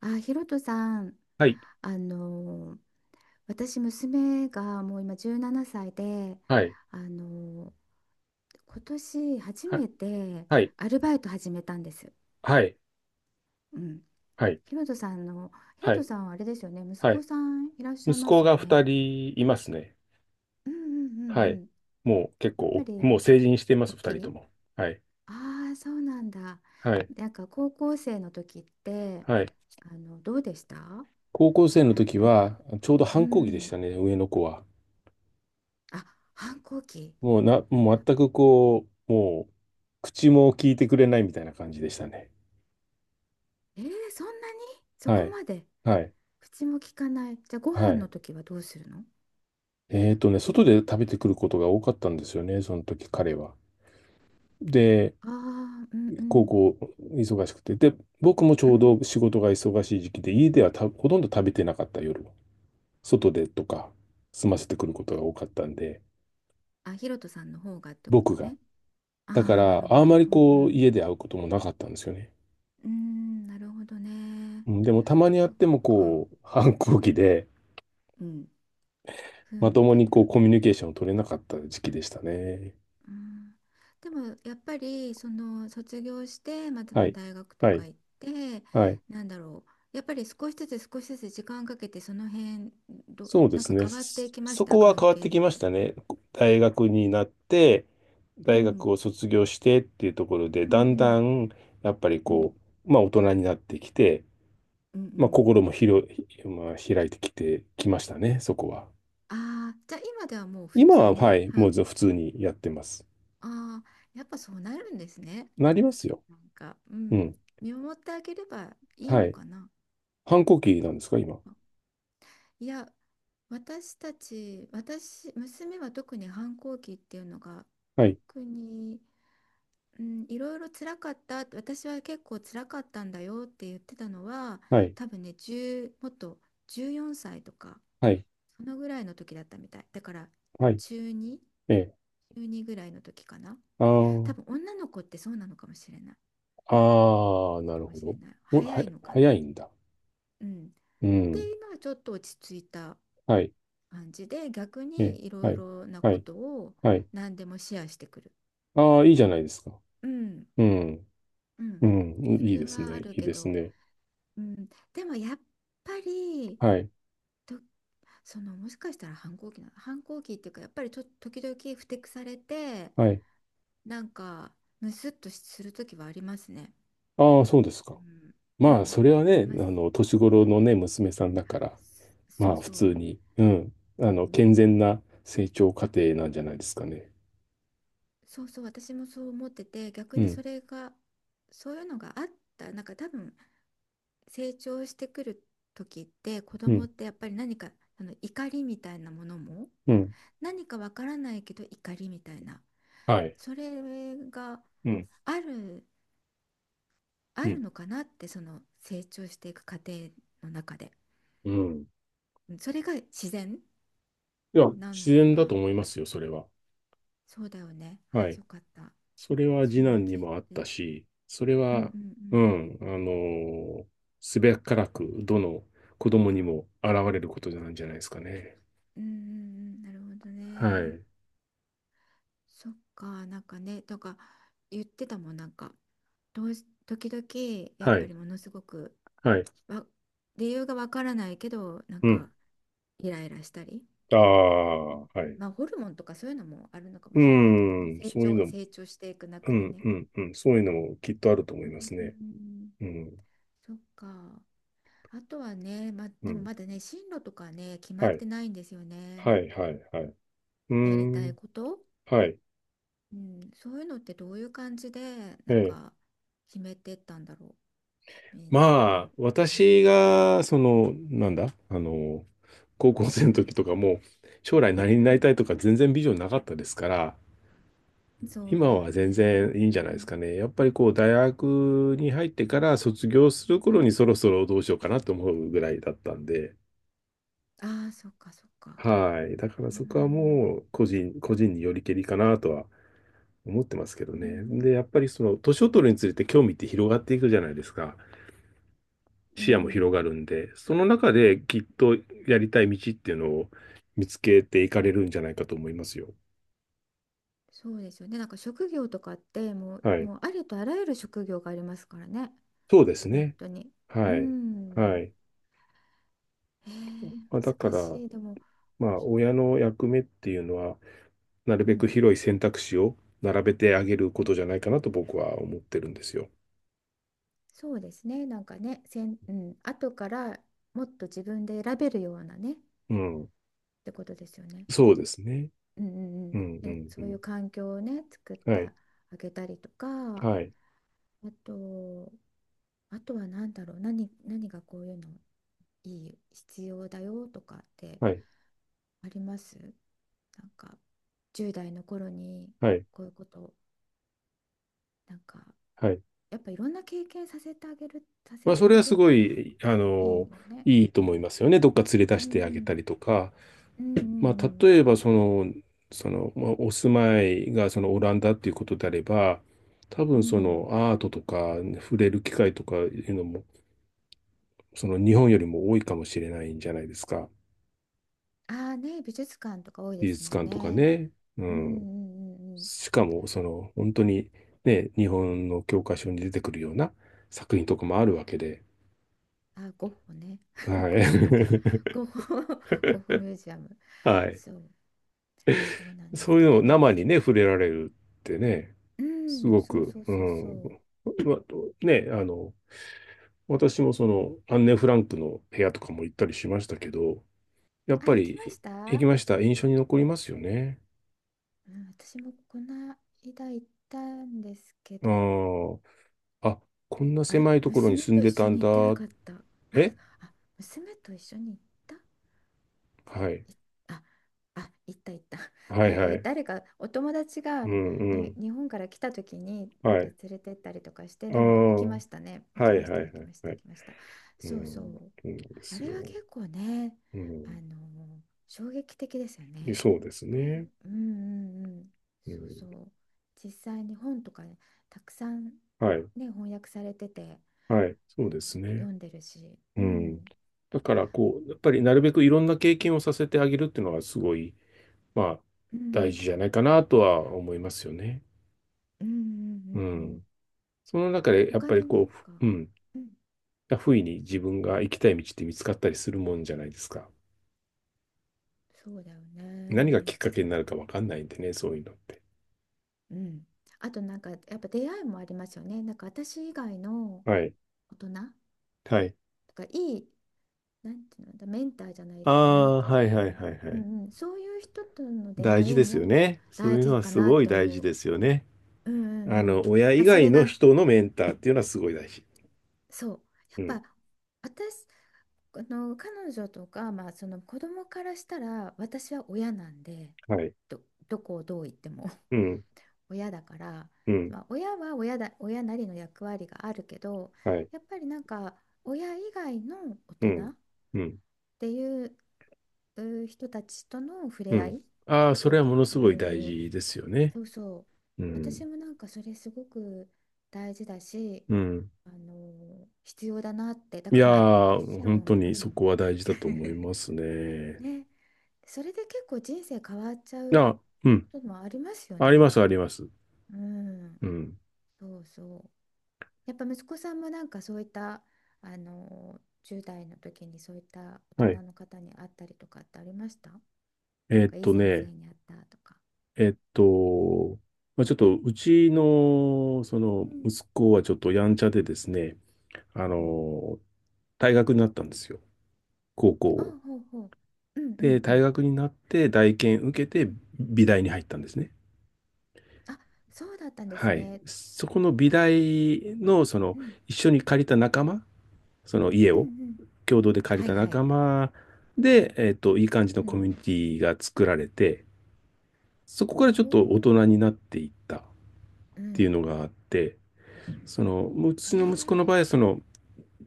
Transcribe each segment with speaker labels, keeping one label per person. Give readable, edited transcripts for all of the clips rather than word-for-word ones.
Speaker 1: あ、ひろとさん、
Speaker 2: はい、
Speaker 1: あの私娘がもう今17歳で、
Speaker 2: はい、
Speaker 1: あの今年初
Speaker 2: はい、
Speaker 1: めて
Speaker 2: はい、
Speaker 1: アルバイト始めたんです。
Speaker 2: はい、
Speaker 1: うん。
Speaker 2: はい、
Speaker 1: ひろとさんの、ひろ
Speaker 2: は
Speaker 1: と
Speaker 2: い、
Speaker 1: さんはあれですよね、息
Speaker 2: は
Speaker 1: 子
Speaker 2: い。
Speaker 1: さんいらっしゃい
Speaker 2: 息
Speaker 1: ま
Speaker 2: 子
Speaker 1: すよ
Speaker 2: が二
Speaker 1: ね。
Speaker 2: 人いますね。
Speaker 1: うんうんう
Speaker 2: は
Speaker 1: んう
Speaker 2: い。
Speaker 1: ん。
Speaker 2: もう結
Speaker 1: やっぱ
Speaker 2: 構、
Speaker 1: り
Speaker 2: 成人していま
Speaker 1: 大
Speaker 2: す、二
Speaker 1: き
Speaker 2: 人と
Speaker 1: い
Speaker 2: も。はい、
Speaker 1: ああ、そうなんだ。
Speaker 2: はい、
Speaker 1: なんか高校生の時って、
Speaker 2: はい。
Speaker 1: どうでした
Speaker 2: 高校生の時
Speaker 1: なんか、
Speaker 2: は、ちょうど
Speaker 1: う
Speaker 2: 反抗期でし
Speaker 1: ん。
Speaker 2: たね、上の子は。
Speaker 1: あ、反抗期。
Speaker 2: もうな、も
Speaker 1: や
Speaker 2: う
Speaker 1: っ
Speaker 2: 全くこう、口も聞いてくれないみたいな感じでしたね。
Speaker 1: えー、そんなに、そ
Speaker 2: は
Speaker 1: こ
Speaker 2: い、
Speaker 1: まで
Speaker 2: はい、
Speaker 1: 口も利かない。じゃあご
Speaker 2: は
Speaker 1: 飯の
Speaker 2: い。
Speaker 1: 時はどうするの？
Speaker 2: 外で食べてくることが多かったんですよね、その時彼は。で、
Speaker 1: ああー、うんう
Speaker 2: 高
Speaker 1: ん
Speaker 2: 校忙しくて。で、僕もち
Speaker 1: う
Speaker 2: ょう
Speaker 1: ん。
Speaker 2: ど仕事が忙しい時期で、家ではたほとんど食べてなかった夜は。外でとか、済ませてくることが
Speaker 1: え
Speaker 2: 多かったんで、
Speaker 1: あ、ひろとさんの方がってこ
Speaker 2: 僕
Speaker 1: と
Speaker 2: が。
Speaker 1: ね。
Speaker 2: だか
Speaker 1: ああ、な
Speaker 2: ら、
Speaker 1: るほ
Speaker 2: あ
Speaker 1: ど。う
Speaker 2: まり
Speaker 1: んう
Speaker 2: こう、
Speaker 1: ん。
Speaker 2: 家で会うこともなかったんですよね。
Speaker 1: うーん、なるほどね。
Speaker 2: うんでも、たまに会っ
Speaker 1: そっ
Speaker 2: ても
Speaker 1: か。
Speaker 2: こう、反抗期で、
Speaker 1: うん。ふ
Speaker 2: ま
Speaker 1: ん
Speaker 2: と
Speaker 1: み
Speaker 2: も
Speaker 1: たい
Speaker 2: にこう、
Speaker 1: な。
Speaker 2: コミュニケーションを取れなかった時期でしたね。
Speaker 1: うん。でもやっぱりその卒業して、また
Speaker 2: は
Speaker 1: の
Speaker 2: い。
Speaker 1: 大学と
Speaker 2: は
Speaker 1: か
Speaker 2: い。
Speaker 1: 行って、
Speaker 2: はい。
Speaker 1: なんだろう、やっぱり少しずつ少しずつ時間かけて、その辺
Speaker 2: そうで
Speaker 1: なん
Speaker 2: す
Speaker 1: か
Speaker 2: ね。
Speaker 1: 変わってい
Speaker 2: そ
Speaker 1: きまし
Speaker 2: そこ
Speaker 1: た、
Speaker 2: は
Speaker 1: 関
Speaker 2: 変わっ
Speaker 1: 係っ
Speaker 2: てきまし
Speaker 1: て。
Speaker 2: たね。大学になって、
Speaker 1: う
Speaker 2: 大学
Speaker 1: ん、
Speaker 2: を卒業してっていうところで、
Speaker 1: うんう
Speaker 2: だんだ
Speaker 1: ん
Speaker 2: ん、やっぱり
Speaker 1: う
Speaker 2: こ
Speaker 1: ん
Speaker 2: う、まあ大人になってきて、
Speaker 1: うんう
Speaker 2: まあ
Speaker 1: ん。
Speaker 2: 心も広い、まあ、開いてきてきましたね、そこは。
Speaker 1: ああー、じゃあ今ではもう普
Speaker 2: 今
Speaker 1: 通
Speaker 2: は、は
Speaker 1: に
Speaker 2: い、もうず普通にやってます。
Speaker 1: ああー、やっぱそうなるんですね。
Speaker 2: なりますよ。
Speaker 1: なんか、
Speaker 2: うん。
Speaker 1: 見守ってあげればいい
Speaker 2: は
Speaker 1: の
Speaker 2: い。
Speaker 1: かな。
Speaker 2: 反抗期なんですか、今？
Speaker 1: いや、私たち私娘は特に反抗期っていうのが
Speaker 2: はい。
Speaker 1: 特に、うん、いろいろ辛かった、私は結構辛かったんだよって言ってたのは、
Speaker 2: はい。
Speaker 1: 多分ね、1、もっと14歳とか、
Speaker 2: はい。
Speaker 1: そのぐらいの時だったみたい。だから
Speaker 2: はい。
Speaker 1: 中2、
Speaker 2: ええ。
Speaker 1: 中2ぐらいの時かな。
Speaker 2: あ
Speaker 1: 多
Speaker 2: ー
Speaker 1: 分女の子ってそうなのかもしれない。
Speaker 2: あ、ー、な
Speaker 1: か
Speaker 2: る
Speaker 1: も
Speaker 2: ほ
Speaker 1: しれ
Speaker 2: ど。
Speaker 1: ない。
Speaker 2: お、
Speaker 1: 早
Speaker 2: は、
Speaker 1: いのか
Speaker 2: 早
Speaker 1: な。
Speaker 2: いんだ。
Speaker 1: うん。
Speaker 2: う
Speaker 1: で、
Speaker 2: ん。
Speaker 1: 今はちょっと落ち着いた
Speaker 2: はい。
Speaker 1: 感じで、逆
Speaker 2: ええ、
Speaker 1: にいろ
Speaker 2: は
Speaker 1: い
Speaker 2: い、
Speaker 1: ろな
Speaker 2: は
Speaker 1: こ
Speaker 2: い、
Speaker 1: とを
Speaker 2: はい。
Speaker 1: 何でもシェアしてくる。
Speaker 2: ああ、いいじゃないですか。
Speaker 1: うん。
Speaker 2: うん、
Speaker 1: う
Speaker 2: う
Speaker 1: ん。
Speaker 2: ん、
Speaker 1: そ
Speaker 2: いい
Speaker 1: れ
Speaker 2: です
Speaker 1: はあ
Speaker 2: ね、
Speaker 1: る
Speaker 2: いい
Speaker 1: け
Speaker 2: です
Speaker 1: ど、
Speaker 2: ね。
Speaker 1: うん。でもやっぱり、
Speaker 2: はい、
Speaker 1: ともしかしたら反抗期っていうか、やっぱり時々ふてくされて、
Speaker 2: はい。
Speaker 1: なんかムスッとする時はありますね。
Speaker 2: ああ、そうですか。
Speaker 1: うん、う
Speaker 2: まあ、
Speaker 1: ん、
Speaker 2: それは
Speaker 1: あり
Speaker 2: ね、
Speaker 1: ます。
Speaker 2: 年
Speaker 1: う
Speaker 2: 頃
Speaker 1: ん、
Speaker 2: のね、娘さんだから、
Speaker 1: そ
Speaker 2: ま
Speaker 1: う
Speaker 2: あ、普
Speaker 1: そ
Speaker 2: 通
Speaker 1: う、
Speaker 2: に、うん、
Speaker 1: うん、
Speaker 2: 健全な成長過程なんじゃないですかね。
Speaker 1: そうそう、私もそう思ってて、逆
Speaker 2: う
Speaker 1: に
Speaker 2: ん、
Speaker 1: それが、そういうのがあった、なんか多分成長してくる時って、子
Speaker 2: う
Speaker 1: 供
Speaker 2: ん、
Speaker 1: ってやっぱり何か、怒りみたいなものも、
Speaker 2: うん。
Speaker 1: 何かわからないけど怒りみたいな、
Speaker 2: はい。
Speaker 1: それが
Speaker 2: うん、
Speaker 1: ある、
Speaker 2: う
Speaker 1: ある
Speaker 2: ん、
Speaker 1: のかなって、その成長していく過程の中で、
Speaker 2: うん。
Speaker 1: うんそれが自然
Speaker 2: いや、
Speaker 1: なの
Speaker 2: 自
Speaker 1: か
Speaker 2: 然だと
Speaker 1: な。
Speaker 2: 思いますよ、それは。
Speaker 1: そうだよね。
Speaker 2: は
Speaker 1: ああ、
Speaker 2: い。
Speaker 1: よかった。
Speaker 2: それは
Speaker 1: そ
Speaker 2: 次
Speaker 1: れを
Speaker 2: 男に
Speaker 1: 聞い
Speaker 2: もあった
Speaker 1: て。
Speaker 2: し、それ
Speaker 1: うんう
Speaker 2: は、
Speaker 1: ん
Speaker 2: うん、すべからく、どの子供にも現れることなんじゃないですかね。
Speaker 1: うん。うんうんうん。なるほど
Speaker 2: は
Speaker 1: ね。
Speaker 2: い。
Speaker 1: そっか、なんかね、とか言ってたもん、なんか、どうし、時々、やっ
Speaker 2: は
Speaker 1: ぱ
Speaker 2: い。
Speaker 1: りものすごく、
Speaker 2: はい。
Speaker 1: わ、理由がわからないけど、なん
Speaker 2: うん。
Speaker 1: か、イライラしたり。
Speaker 2: あ
Speaker 1: う
Speaker 2: あ、は
Speaker 1: ん
Speaker 2: い。
Speaker 1: まあ、ホルモンとかそういうのもあるのか
Speaker 2: う
Speaker 1: もしれないけどね。
Speaker 2: ん、
Speaker 1: 成
Speaker 2: そういう
Speaker 1: 長、
Speaker 2: の、
Speaker 1: 成
Speaker 2: う
Speaker 1: 長していく中で
Speaker 2: ん、
Speaker 1: ね。
Speaker 2: うん、うん、そういうのもきっとあると思
Speaker 1: う
Speaker 2: い
Speaker 1: ん
Speaker 2: ま
Speaker 1: うん
Speaker 2: す
Speaker 1: うん
Speaker 2: ね。
Speaker 1: うん。
Speaker 2: うん、
Speaker 1: そっか。あとはね、ま、
Speaker 2: う
Speaker 1: でも
Speaker 2: ん。
Speaker 1: まだね、進路とかね、決まっ
Speaker 2: はい。
Speaker 1: てないんですよね。
Speaker 2: はい、はい、はい。うー
Speaker 1: やりたい
Speaker 2: ん、
Speaker 1: こと。
Speaker 2: はい。
Speaker 1: うん、そういうのってどういう感じで、
Speaker 2: え
Speaker 1: なん
Speaker 2: え。
Speaker 1: か、決めてったんだろう、みんな、
Speaker 2: まあ、
Speaker 1: なんと
Speaker 2: 私
Speaker 1: か。
Speaker 2: が、その、なんだ、あの高校
Speaker 1: う
Speaker 2: 生の
Speaker 1: ん、
Speaker 2: 時とかも、将来何に
Speaker 1: う
Speaker 2: なり
Speaker 1: ん。
Speaker 2: たいとか全然ビジョンなかったですから、
Speaker 1: そう
Speaker 2: 今
Speaker 1: だよ
Speaker 2: は全
Speaker 1: ね。
Speaker 2: 然
Speaker 1: うん、
Speaker 2: いい
Speaker 1: う
Speaker 2: んじゃないです
Speaker 1: ん、
Speaker 2: かね。やっぱりこう、大学に入ってから卒業する
Speaker 1: う
Speaker 2: 頃
Speaker 1: ん。
Speaker 2: にそろそろどうしようかなと思うぐらいだったんで、
Speaker 1: ああ、そっか、そっか。
Speaker 2: はい。だか
Speaker 1: う
Speaker 2: らそこは
Speaker 1: ん、
Speaker 2: もう個人によりけりかなとは思ってますけど
Speaker 1: う
Speaker 2: ね。で、
Speaker 1: ん、
Speaker 2: やっぱりその年を取るにつれて興味って広がっていくじゃないですか。
Speaker 1: う
Speaker 2: 視野も広が
Speaker 1: ん。
Speaker 2: るんで、その中できっとやりたい道っていうのを見つけていかれるんじゃないかと思いますよ。
Speaker 1: そうですよね。なんか職業とかって、もう、
Speaker 2: はい。
Speaker 1: もうありとあらゆる職業がありますからね。
Speaker 2: そうです
Speaker 1: 本
Speaker 2: ね。
Speaker 1: 当に。う
Speaker 2: はい。は
Speaker 1: ん。
Speaker 2: い。
Speaker 1: えー、
Speaker 2: まあ、だか
Speaker 1: 難
Speaker 2: ら、
Speaker 1: しい。でも、
Speaker 2: まあ、
Speaker 1: そ
Speaker 2: 親の役目っていうのは、なる
Speaker 1: う
Speaker 2: べく
Speaker 1: ん、
Speaker 2: 広い選択肢を並べてあげるこ
Speaker 1: う
Speaker 2: と
Speaker 1: ん
Speaker 2: じゃないかなと僕は思ってるんですよ。
Speaker 1: そうですね。なんかね、後からもっと自分で選べるようなね、っ
Speaker 2: うん。
Speaker 1: てことですよね。
Speaker 2: そうですね。
Speaker 1: うんう
Speaker 2: うん、
Speaker 1: んうん。
Speaker 2: う
Speaker 1: え、
Speaker 2: ん、う
Speaker 1: そうい
Speaker 2: ん。
Speaker 1: う環境をね、作って
Speaker 2: はい。
Speaker 1: あげたりとか、あ
Speaker 2: はい。
Speaker 1: と、あとは何だろう、何がこういうのいい、必要だよとかって
Speaker 2: はい。
Speaker 1: あります、なんか、10代の頃に
Speaker 2: はい。
Speaker 1: こういうこと、なんか、
Speaker 2: はい。
Speaker 1: やっぱいろんな経験させてあげる、さ
Speaker 2: ま
Speaker 1: せ
Speaker 2: あ、そ
Speaker 1: て
Speaker 2: れ
Speaker 1: あ
Speaker 2: は
Speaker 1: げ
Speaker 2: す
Speaker 1: る
Speaker 2: ごい、
Speaker 1: いいよね。
Speaker 2: いいと思いますよね。どっか連れ出
Speaker 1: う
Speaker 2: し
Speaker 1: んう
Speaker 2: てあげた
Speaker 1: ん
Speaker 2: りとか。
Speaker 1: うん
Speaker 2: まあ、
Speaker 1: う
Speaker 2: 例え
Speaker 1: ん
Speaker 2: ばその、その、まあ、お住まいがそのオランダっていうことであれば、多
Speaker 1: うん
Speaker 2: 分
Speaker 1: う
Speaker 2: そ
Speaker 1: んうん。
Speaker 2: のアートとか触れる機会とかいうのも、その日本よりも多いかもしれないんじゃないですか。
Speaker 1: ああー、ね、美術館とか多いで
Speaker 2: 美
Speaker 1: す
Speaker 2: 術
Speaker 1: もん
Speaker 2: 館とか
Speaker 1: ね。
Speaker 2: ね。う
Speaker 1: うんう
Speaker 2: ん。
Speaker 1: んうんうん。
Speaker 2: しかもその本当にね、日本の教科書に出てくるような作品とかもあるわけで。
Speaker 1: あ、ゴッホね。
Speaker 2: は
Speaker 1: ゴッホとか、
Speaker 2: い。
Speaker 1: ゴッホ ゴッホミュージアム。
Speaker 2: はい。
Speaker 1: そう、そうなんで
Speaker 2: そ
Speaker 1: す
Speaker 2: ういう
Speaker 1: け
Speaker 2: の
Speaker 1: ど
Speaker 2: を
Speaker 1: ね。
Speaker 2: 生に
Speaker 1: で
Speaker 2: ね、
Speaker 1: も、
Speaker 2: 触れられるってね、
Speaker 1: うん、
Speaker 2: す
Speaker 1: うん、
Speaker 2: ご
Speaker 1: そう
Speaker 2: く、
Speaker 1: そう
Speaker 2: う
Speaker 1: そうそ
Speaker 2: ん。
Speaker 1: う。
Speaker 2: まあね、私もその、アンネ・フランクの部屋とかも行ったりしましたけど、やっ
Speaker 1: あ、
Speaker 2: ぱ
Speaker 1: 行きまし
Speaker 2: り行き
Speaker 1: た。
Speaker 2: ました。印象に残りますよね。
Speaker 1: うん、私もこの間行ったんですけ
Speaker 2: あ
Speaker 1: ど、
Speaker 2: ー、あ、こんな
Speaker 1: あれ、
Speaker 2: 狭いところに
Speaker 1: 娘
Speaker 2: 住ん
Speaker 1: と一
Speaker 2: で
Speaker 1: 緒
Speaker 2: たん
Speaker 1: に行
Speaker 2: だ。
Speaker 1: ってなかった。
Speaker 2: え、
Speaker 1: あ、娘と一緒に行った。
Speaker 2: はい。
Speaker 1: いあ、あ、行った行った。
Speaker 2: は
Speaker 1: な
Speaker 2: い
Speaker 1: んか
Speaker 2: はい。
Speaker 1: 誰かお友達
Speaker 2: う
Speaker 1: が、ね、
Speaker 2: んうん。
Speaker 1: 日本から来た時になん
Speaker 2: は
Speaker 1: か
Speaker 2: い。
Speaker 1: 連れてったりとかして、
Speaker 2: ああ。
Speaker 1: でも行きましたね。行き
Speaker 2: はい
Speaker 1: まし
Speaker 2: は
Speaker 1: た、行
Speaker 2: いは
Speaker 1: き
Speaker 2: い
Speaker 1: まし
Speaker 2: は
Speaker 1: た、行
Speaker 2: い。
Speaker 1: きました。
Speaker 2: う
Speaker 1: そうそ
Speaker 2: ん。
Speaker 1: う。
Speaker 2: そうなんで
Speaker 1: あ
Speaker 2: す
Speaker 1: れ
Speaker 2: よ。
Speaker 1: は結構ね、
Speaker 2: う
Speaker 1: あ
Speaker 2: ん。
Speaker 1: の、衝撃的ですよね。
Speaker 2: そうです
Speaker 1: はい、
Speaker 2: ね。
Speaker 1: うんうんうん。
Speaker 2: う
Speaker 1: そう
Speaker 2: ん。
Speaker 1: そう。実際に本とかね、たくさん
Speaker 2: はい。
Speaker 1: ね、翻訳されてて、
Speaker 2: はい。
Speaker 1: あ
Speaker 2: そ
Speaker 1: の、
Speaker 2: うですね。
Speaker 1: 読んでるし、
Speaker 2: う
Speaker 1: う
Speaker 2: ん。
Speaker 1: ん、
Speaker 2: だから、こう、やっぱりなるべくいろんな経験をさせてあげるっていうのがすごいまあ、
Speaker 1: う
Speaker 2: 大
Speaker 1: ん、
Speaker 2: 事じゃないかなとは思いますよね。
Speaker 1: うんう
Speaker 2: う
Speaker 1: んうんう
Speaker 2: ん。
Speaker 1: ん。
Speaker 2: その中で、やっ
Speaker 1: 他
Speaker 2: ぱり
Speaker 1: になん
Speaker 2: こう、
Speaker 1: か、
Speaker 2: ふうん、
Speaker 1: うん、
Speaker 2: 不意に自分が行きたい道って見つかったりするもんじゃないですか。
Speaker 1: そうだよ
Speaker 2: 何が
Speaker 1: ね。
Speaker 2: きっかけになるかわかんないんでね、そういうのって。
Speaker 1: うん。あとなんかやっぱ出会いもありますよね。なんか私以外の
Speaker 2: はい。
Speaker 1: 大人だ
Speaker 2: はい。
Speaker 1: か、いい、なんていうのだ、メンターじゃない
Speaker 2: あ
Speaker 1: けど、なん
Speaker 2: あ、
Speaker 1: ていうの
Speaker 2: はい
Speaker 1: か
Speaker 2: はい
Speaker 1: な。
Speaker 2: はいは
Speaker 1: う
Speaker 2: い。
Speaker 1: んうん。そういう人との出
Speaker 2: 大
Speaker 1: 会
Speaker 2: 事
Speaker 1: い
Speaker 2: ですよ
Speaker 1: も
Speaker 2: ね。そう
Speaker 1: 大
Speaker 2: いうの
Speaker 1: 事
Speaker 2: は
Speaker 1: か
Speaker 2: す
Speaker 1: なっ
Speaker 2: ごい
Speaker 1: て
Speaker 2: 大事
Speaker 1: 思う。
Speaker 2: ですよね。
Speaker 1: うんうんうん。
Speaker 2: 親以
Speaker 1: まあそ
Speaker 2: 外
Speaker 1: れ
Speaker 2: の
Speaker 1: が、
Speaker 2: 人のメンターっていうのはすごい大事。
Speaker 1: そう、や
Speaker 2: うん。
Speaker 1: っぱ私、彼女とか、まあ子供からしたら私は親なんで、
Speaker 2: はい。
Speaker 1: ど、どこをどう言っても。
Speaker 2: うん。
Speaker 1: 親だから、
Speaker 2: うん。
Speaker 1: まあ、親は親だ、親なりの役割があるけど、
Speaker 2: はい。
Speaker 1: やっぱりなんか親以外の大
Speaker 2: う
Speaker 1: 人
Speaker 2: ん。
Speaker 1: っ
Speaker 2: うん。
Speaker 1: ていう、人たちとの触
Speaker 2: う
Speaker 1: れ合い
Speaker 2: ん。
Speaker 1: っ
Speaker 2: ああ、
Speaker 1: て
Speaker 2: そ
Speaker 1: いう
Speaker 2: れはも
Speaker 1: か、
Speaker 2: のす
Speaker 1: う
Speaker 2: ごい大
Speaker 1: ん、
Speaker 2: 事ですよね。
Speaker 1: そうそう、
Speaker 2: う
Speaker 1: 私
Speaker 2: ん。
Speaker 1: もなんかそれすごく大事だし、
Speaker 2: うん。
Speaker 1: 必要だなって、だ
Speaker 2: い
Speaker 1: から
Speaker 2: や
Speaker 1: まあも
Speaker 2: ー、
Speaker 1: ちろ
Speaker 2: 本
Speaker 1: ん、
Speaker 2: 当
Speaker 1: う
Speaker 2: にそ
Speaker 1: ん、
Speaker 2: こは大事だと思います ね。
Speaker 1: ね、それで結構人生変わっちゃう
Speaker 2: あ、うん。
Speaker 1: こともありますよ
Speaker 2: ありま
Speaker 1: ね。
Speaker 2: す、あります。
Speaker 1: うん、
Speaker 2: うん。
Speaker 1: そうそう。やっぱ息子さんもなんかそういった、10代の時にそういった大人
Speaker 2: はい。
Speaker 1: の方に会ったりとかってありました、なんかいい先生
Speaker 2: ね、
Speaker 1: に会ったとか。
Speaker 2: えーっと、まあ、ちょっと、うちの、その、
Speaker 1: うん
Speaker 2: 息子はちょっとやんちゃでですね、あ
Speaker 1: うん。
Speaker 2: の、退学になったんですよ。高校
Speaker 1: あ、
Speaker 2: を。
Speaker 1: ほうほう。うんうん
Speaker 2: で、
Speaker 1: う
Speaker 2: 大
Speaker 1: ん。
Speaker 2: 学になって、大検受け
Speaker 1: う
Speaker 2: て、
Speaker 1: ん、
Speaker 2: 美大に入ったんですね。
Speaker 1: あ、そうだったんです
Speaker 2: はい。
Speaker 1: ね。
Speaker 2: そこの美大の、その、
Speaker 1: うん
Speaker 2: 一緒に借りた仲間、その家
Speaker 1: うんう
Speaker 2: を、
Speaker 1: ん。
Speaker 2: 共同で借り
Speaker 1: はい
Speaker 2: た
Speaker 1: は
Speaker 2: 仲
Speaker 1: い。
Speaker 2: 間で、えっと、いい感じ
Speaker 1: う
Speaker 2: のコ
Speaker 1: ん。
Speaker 2: ミュニティが作られて、そこから
Speaker 1: お
Speaker 2: ちょっと大人に
Speaker 1: お。
Speaker 2: なっていったっ
Speaker 1: う
Speaker 2: ていう
Speaker 1: ん。
Speaker 2: のがあって、その、う
Speaker 1: へ
Speaker 2: ちの息子の
Speaker 1: え。
Speaker 2: 場合は、その、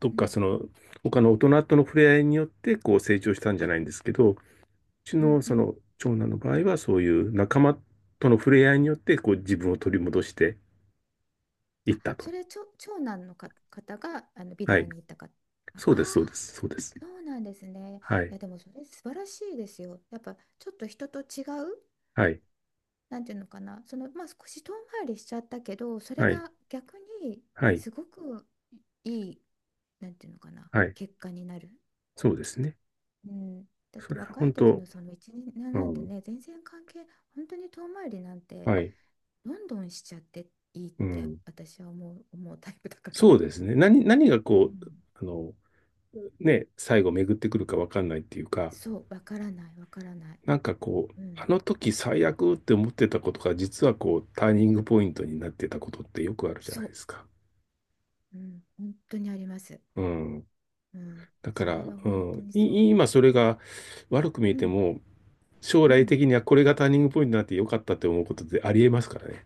Speaker 2: どっ
Speaker 1: う
Speaker 2: か
Speaker 1: ん
Speaker 2: その、他の大人との触れ合いによって、こう成長したんじゃないんですけど、うち
Speaker 1: うん
Speaker 2: の
Speaker 1: う
Speaker 2: そ
Speaker 1: ん。
Speaker 2: の、長男の場合は、そういう仲間との触れ合いによって、こう自分を取り戻していっ
Speaker 1: あ、
Speaker 2: たと。
Speaker 1: それ、長男の方が美
Speaker 2: は
Speaker 1: 大
Speaker 2: い。
Speaker 1: に行ったか。あ
Speaker 2: そうです、そうで
Speaker 1: あ、
Speaker 2: す、そうです。
Speaker 1: そうなんですね。
Speaker 2: は
Speaker 1: い
Speaker 2: い。
Speaker 1: や、でもそれ素晴らしいですよ。やっぱちょっと人と違う、
Speaker 2: はい。
Speaker 1: なんていうのかな、そのまあ少し遠回りしちゃったけど、それ
Speaker 2: はい。
Speaker 1: が逆に
Speaker 2: はい。
Speaker 1: すごくいい、なんていうのかな、
Speaker 2: はい。
Speaker 1: 結果になる。
Speaker 2: そうですね。
Speaker 1: うん、だっ
Speaker 2: そ
Speaker 1: て
Speaker 2: れは
Speaker 1: 若い
Speaker 2: 本
Speaker 1: 時
Speaker 2: 当、
Speaker 1: のその一年
Speaker 2: う
Speaker 1: なんて
Speaker 2: ん、
Speaker 1: ね、全然関係、本当に遠回りなんて
Speaker 2: はい。
Speaker 1: どんどんしちゃっていいっ
Speaker 2: う
Speaker 1: て
Speaker 2: ん。
Speaker 1: 私は思うタイプだから。
Speaker 2: そうですね。何、何が
Speaker 1: う
Speaker 2: こう、
Speaker 1: ん、
Speaker 2: ね、最後巡ってくるかわかんないっていうか、
Speaker 1: そう、わからない、わからない。
Speaker 2: なんかこう、
Speaker 1: うん、
Speaker 2: あの時最悪って思ってたことが、実はこう、ターニングポイントになってたことってよくあるじゃないで
Speaker 1: そ
Speaker 2: すか。
Speaker 1: う、うん、本当にあります。
Speaker 2: うん。
Speaker 1: うん、
Speaker 2: だか
Speaker 1: それ
Speaker 2: ら、
Speaker 1: は
Speaker 2: う
Speaker 1: 本当
Speaker 2: ん、
Speaker 1: にそ
Speaker 2: い今それが悪く見え
Speaker 1: う。う
Speaker 2: て
Speaker 1: ん、
Speaker 2: も、将
Speaker 1: う
Speaker 2: 来
Speaker 1: ん、
Speaker 2: 的にはこれがターニングポイントになってよかったって思うことってありえますからね。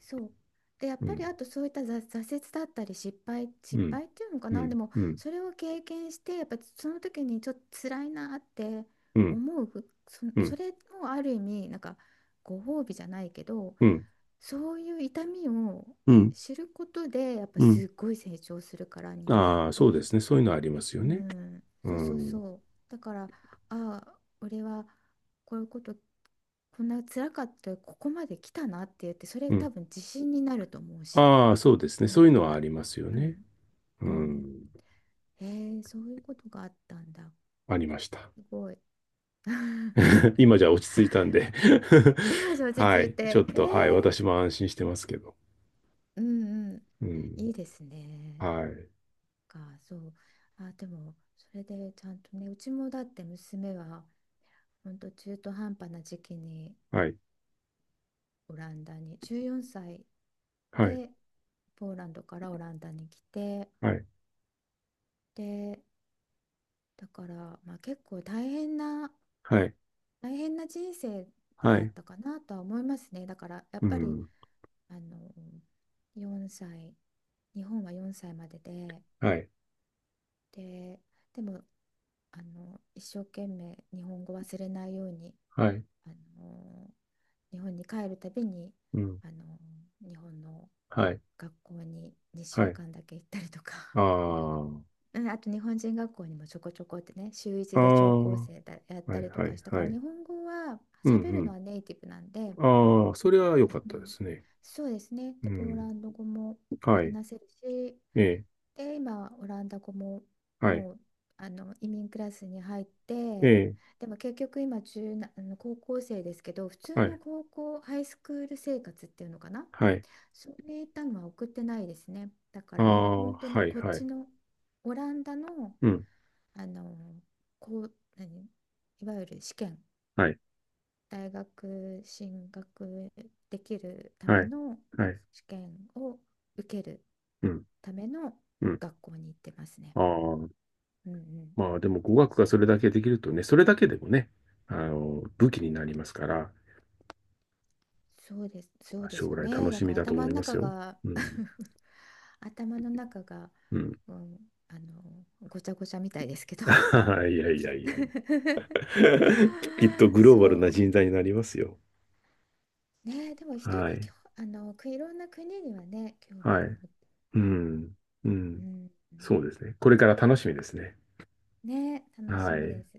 Speaker 1: そう。で、やっ
Speaker 2: う
Speaker 1: ぱり
Speaker 2: ん。
Speaker 1: あとそういった挫折だったり失敗、
Speaker 2: う
Speaker 1: 失
Speaker 2: ん。
Speaker 1: 敗っていうのか
Speaker 2: う
Speaker 1: な、
Speaker 2: ん。
Speaker 1: でも
Speaker 2: うん。
Speaker 1: それを経験して、やっぱその時にちょっと辛いなって
Speaker 2: うん。
Speaker 1: 思う、そ、
Speaker 2: う
Speaker 1: そ
Speaker 2: ん。
Speaker 1: れもある意味、なんかご褒美じゃないけど、
Speaker 2: うん。
Speaker 1: そういう痛みを
Speaker 2: うん。
Speaker 1: 知ることで、やっぱ
Speaker 2: う
Speaker 1: す
Speaker 2: ん、
Speaker 1: っごい成長するから、人間っ
Speaker 2: ああ、そうで
Speaker 1: て。
Speaker 2: すね。そういうのはあります
Speaker 1: う
Speaker 2: よね。
Speaker 1: ん、
Speaker 2: う
Speaker 1: そうそう
Speaker 2: ん。
Speaker 1: そう。だから、ああ、俺はこういうこと、こんな辛かった、ここまで来たなって言って、それ
Speaker 2: う
Speaker 1: 多
Speaker 2: ん。
Speaker 1: 分自信になると思うし、
Speaker 2: ああ、そうですね。そ
Speaker 1: 今
Speaker 2: ういう
Speaker 1: 度
Speaker 2: のはあ
Speaker 1: は。
Speaker 2: りますよ
Speaker 1: う
Speaker 2: ね。
Speaker 1: ん、
Speaker 2: う
Speaker 1: うん。
Speaker 2: ん。
Speaker 1: へえ、そういうことがあったんだ。
Speaker 2: ありました。
Speaker 1: すごい。
Speaker 2: 今じゃ落ち着いたんで
Speaker 1: よし、落 ち
Speaker 2: は
Speaker 1: 着
Speaker 2: い。
Speaker 1: いて。
Speaker 2: ちょ
Speaker 1: へ
Speaker 2: っと、はい。
Speaker 1: え、
Speaker 2: 私も安心してますけど。
Speaker 1: うんう
Speaker 2: う
Speaker 1: ん。い
Speaker 2: ん。
Speaker 1: いですね。
Speaker 2: はい。
Speaker 1: そう。あ、でも、それでちゃんとね、うちもだって娘は、ほんと中途半端な時期に
Speaker 2: はい。
Speaker 1: オランダに14歳
Speaker 2: はい。
Speaker 1: でポーランドからオランダに来て、
Speaker 2: はい。
Speaker 1: で、だからまあ結構大変な、
Speaker 2: はい。
Speaker 1: 大変な人生
Speaker 2: は
Speaker 1: だっ
Speaker 2: い。
Speaker 1: たかなとは思いますね。だからやっ
Speaker 2: う
Speaker 1: ぱり
Speaker 2: ん。
Speaker 1: あの4歳、日本は4歳まで
Speaker 2: はい。
Speaker 1: ででも一生懸命日本語忘れないように、
Speaker 2: はい。
Speaker 1: あの日本に帰るたびに、
Speaker 2: うん。
Speaker 1: あの日本の
Speaker 2: はい。
Speaker 1: 学校に2
Speaker 2: は
Speaker 1: 週
Speaker 2: い。
Speaker 1: 間だけ行ったりとか、
Speaker 2: ああ。
Speaker 1: うんあと日本人学校にもちょこちょこってね、週
Speaker 2: あ
Speaker 1: 一で聴講
Speaker 2: あ。は
Speaker 1: 生だ、やっ
Speaker 2: い。
Speaker 1: たりと
Speaker 2: は
Speaker 1: か
Speaker 2: い。
Speaker 1: したか
Speaker 2: は
Speaker 1: ら、
Speaker 2: い。
Speaker 1: 日本語は
Speaker 2: うん。
Speaker 1: 喋
Speaker 2: う
Speaker 1: るの
Speaker 2: ん。
Speaker 1: はネイティブなんで、
Speaker 2: ああ、それは良かっ
Speaker 1: う
Speaker 2: たで
Speaker 1: ん、
Speaker 2: すね。
Speaker 1: そうですね。
Speaker 2: う
Speaker 1: で、ポーラ
Speaker 2: ん。
Speaker 1: ンド語も
Speaker 2: はい。
Speaker 1: 話せるし、
Speaker 2: ええ。
Speaker 1: で、今オランダ語も
Speaker 2: はい。
Speaker 1: もう、移民クラスに入っ
Speaker 2: え
Speaker 1: て、
Speaker 2: え。
Speaker 1: でも結局今、高校生ですけど、普通
Speaker 2: はい。
Speaker 1: の高校、ハイスクール生活っていうのかな、
Speaker 2: はい。
Speaker 1: そういったのは送ってないですね。だか
Speaker 2: あ
Speaker 1: らもう
Speaker 2: あ、
Speaker 1: 本当に
Speaker 2: はい
Speaker 1: こっ
Speaker 2: は
Speaker 1: ち
Speaker 2: い。
Speaker 1: のオランダの、
Speaker 2: うん。
Speaker 1: あのこう何いわゆる試験、
Speaker 2: はい。
Speaker 1: 大学進学できるた
Speaker 2: は
Speaker 1: め
Speaker 2: い。
Speaker 1: の
Speaker 2: はい。
Speaker 1: 試験を受ける
Speaker 2: うん。
Speaker 1: ための
Speaker 2: うん。
Speaker 1: 学校に行ってますね。
Speaker 2: ああ。
Speaker 1: うんうん、
Speaker 2: まあでも語学が
Speaker 1: そ
Speaker 2: そ
Speaker 1: う
Speaker 2: れだけできるとね、それだけでもね、武器になりますから、
Speaker 1: そうです、そうで
Speaker 2: 将
Speaker 1: すよ
Speaker 2: 来
Speaker 1: ね。
Speaker 2: 楽
Speaker 1: だ
Speaker 2: しみ
Speaker 1: から
Speaker 2: だと思
Speaker 1: 頭
Speaker 2: い
Speaker 1: の
Speaker 2: ます
Speaker 1: 中
Speaker 2: よ。
Speaker 1: が
Speaker 2: うん。
Speaker 1: 頭の中が、
Speaker 2: うん。
Speaker 1: うん、あのごちゃごちゃみたいですけ ど
Speaker 2: いやいやいやいや。きっと グローバルな
Speaker 1: そ
Speaker 2: 人材になりますよ。
Speaker 1: う。ね、でも人に
Speaker 2: はい。
Speaker 1: いろんな国にはね、興味
Speaker 2: は
Speaker 1: を持っ
Speaker 2: い。
Speaker 1: てる
Speaker 2: う
Speaker 1: から、
Speaker 2: ん。う
Speaker 1: う
Speaker 2: ん。
Speaker 1: ん、
Speaker 2: そうですね。これから楽しみですね。
Speaker 1: ね、楽し
Speaker 2: は
Speaker 1: みで
Speaker 2: い。
Speaker 1: す。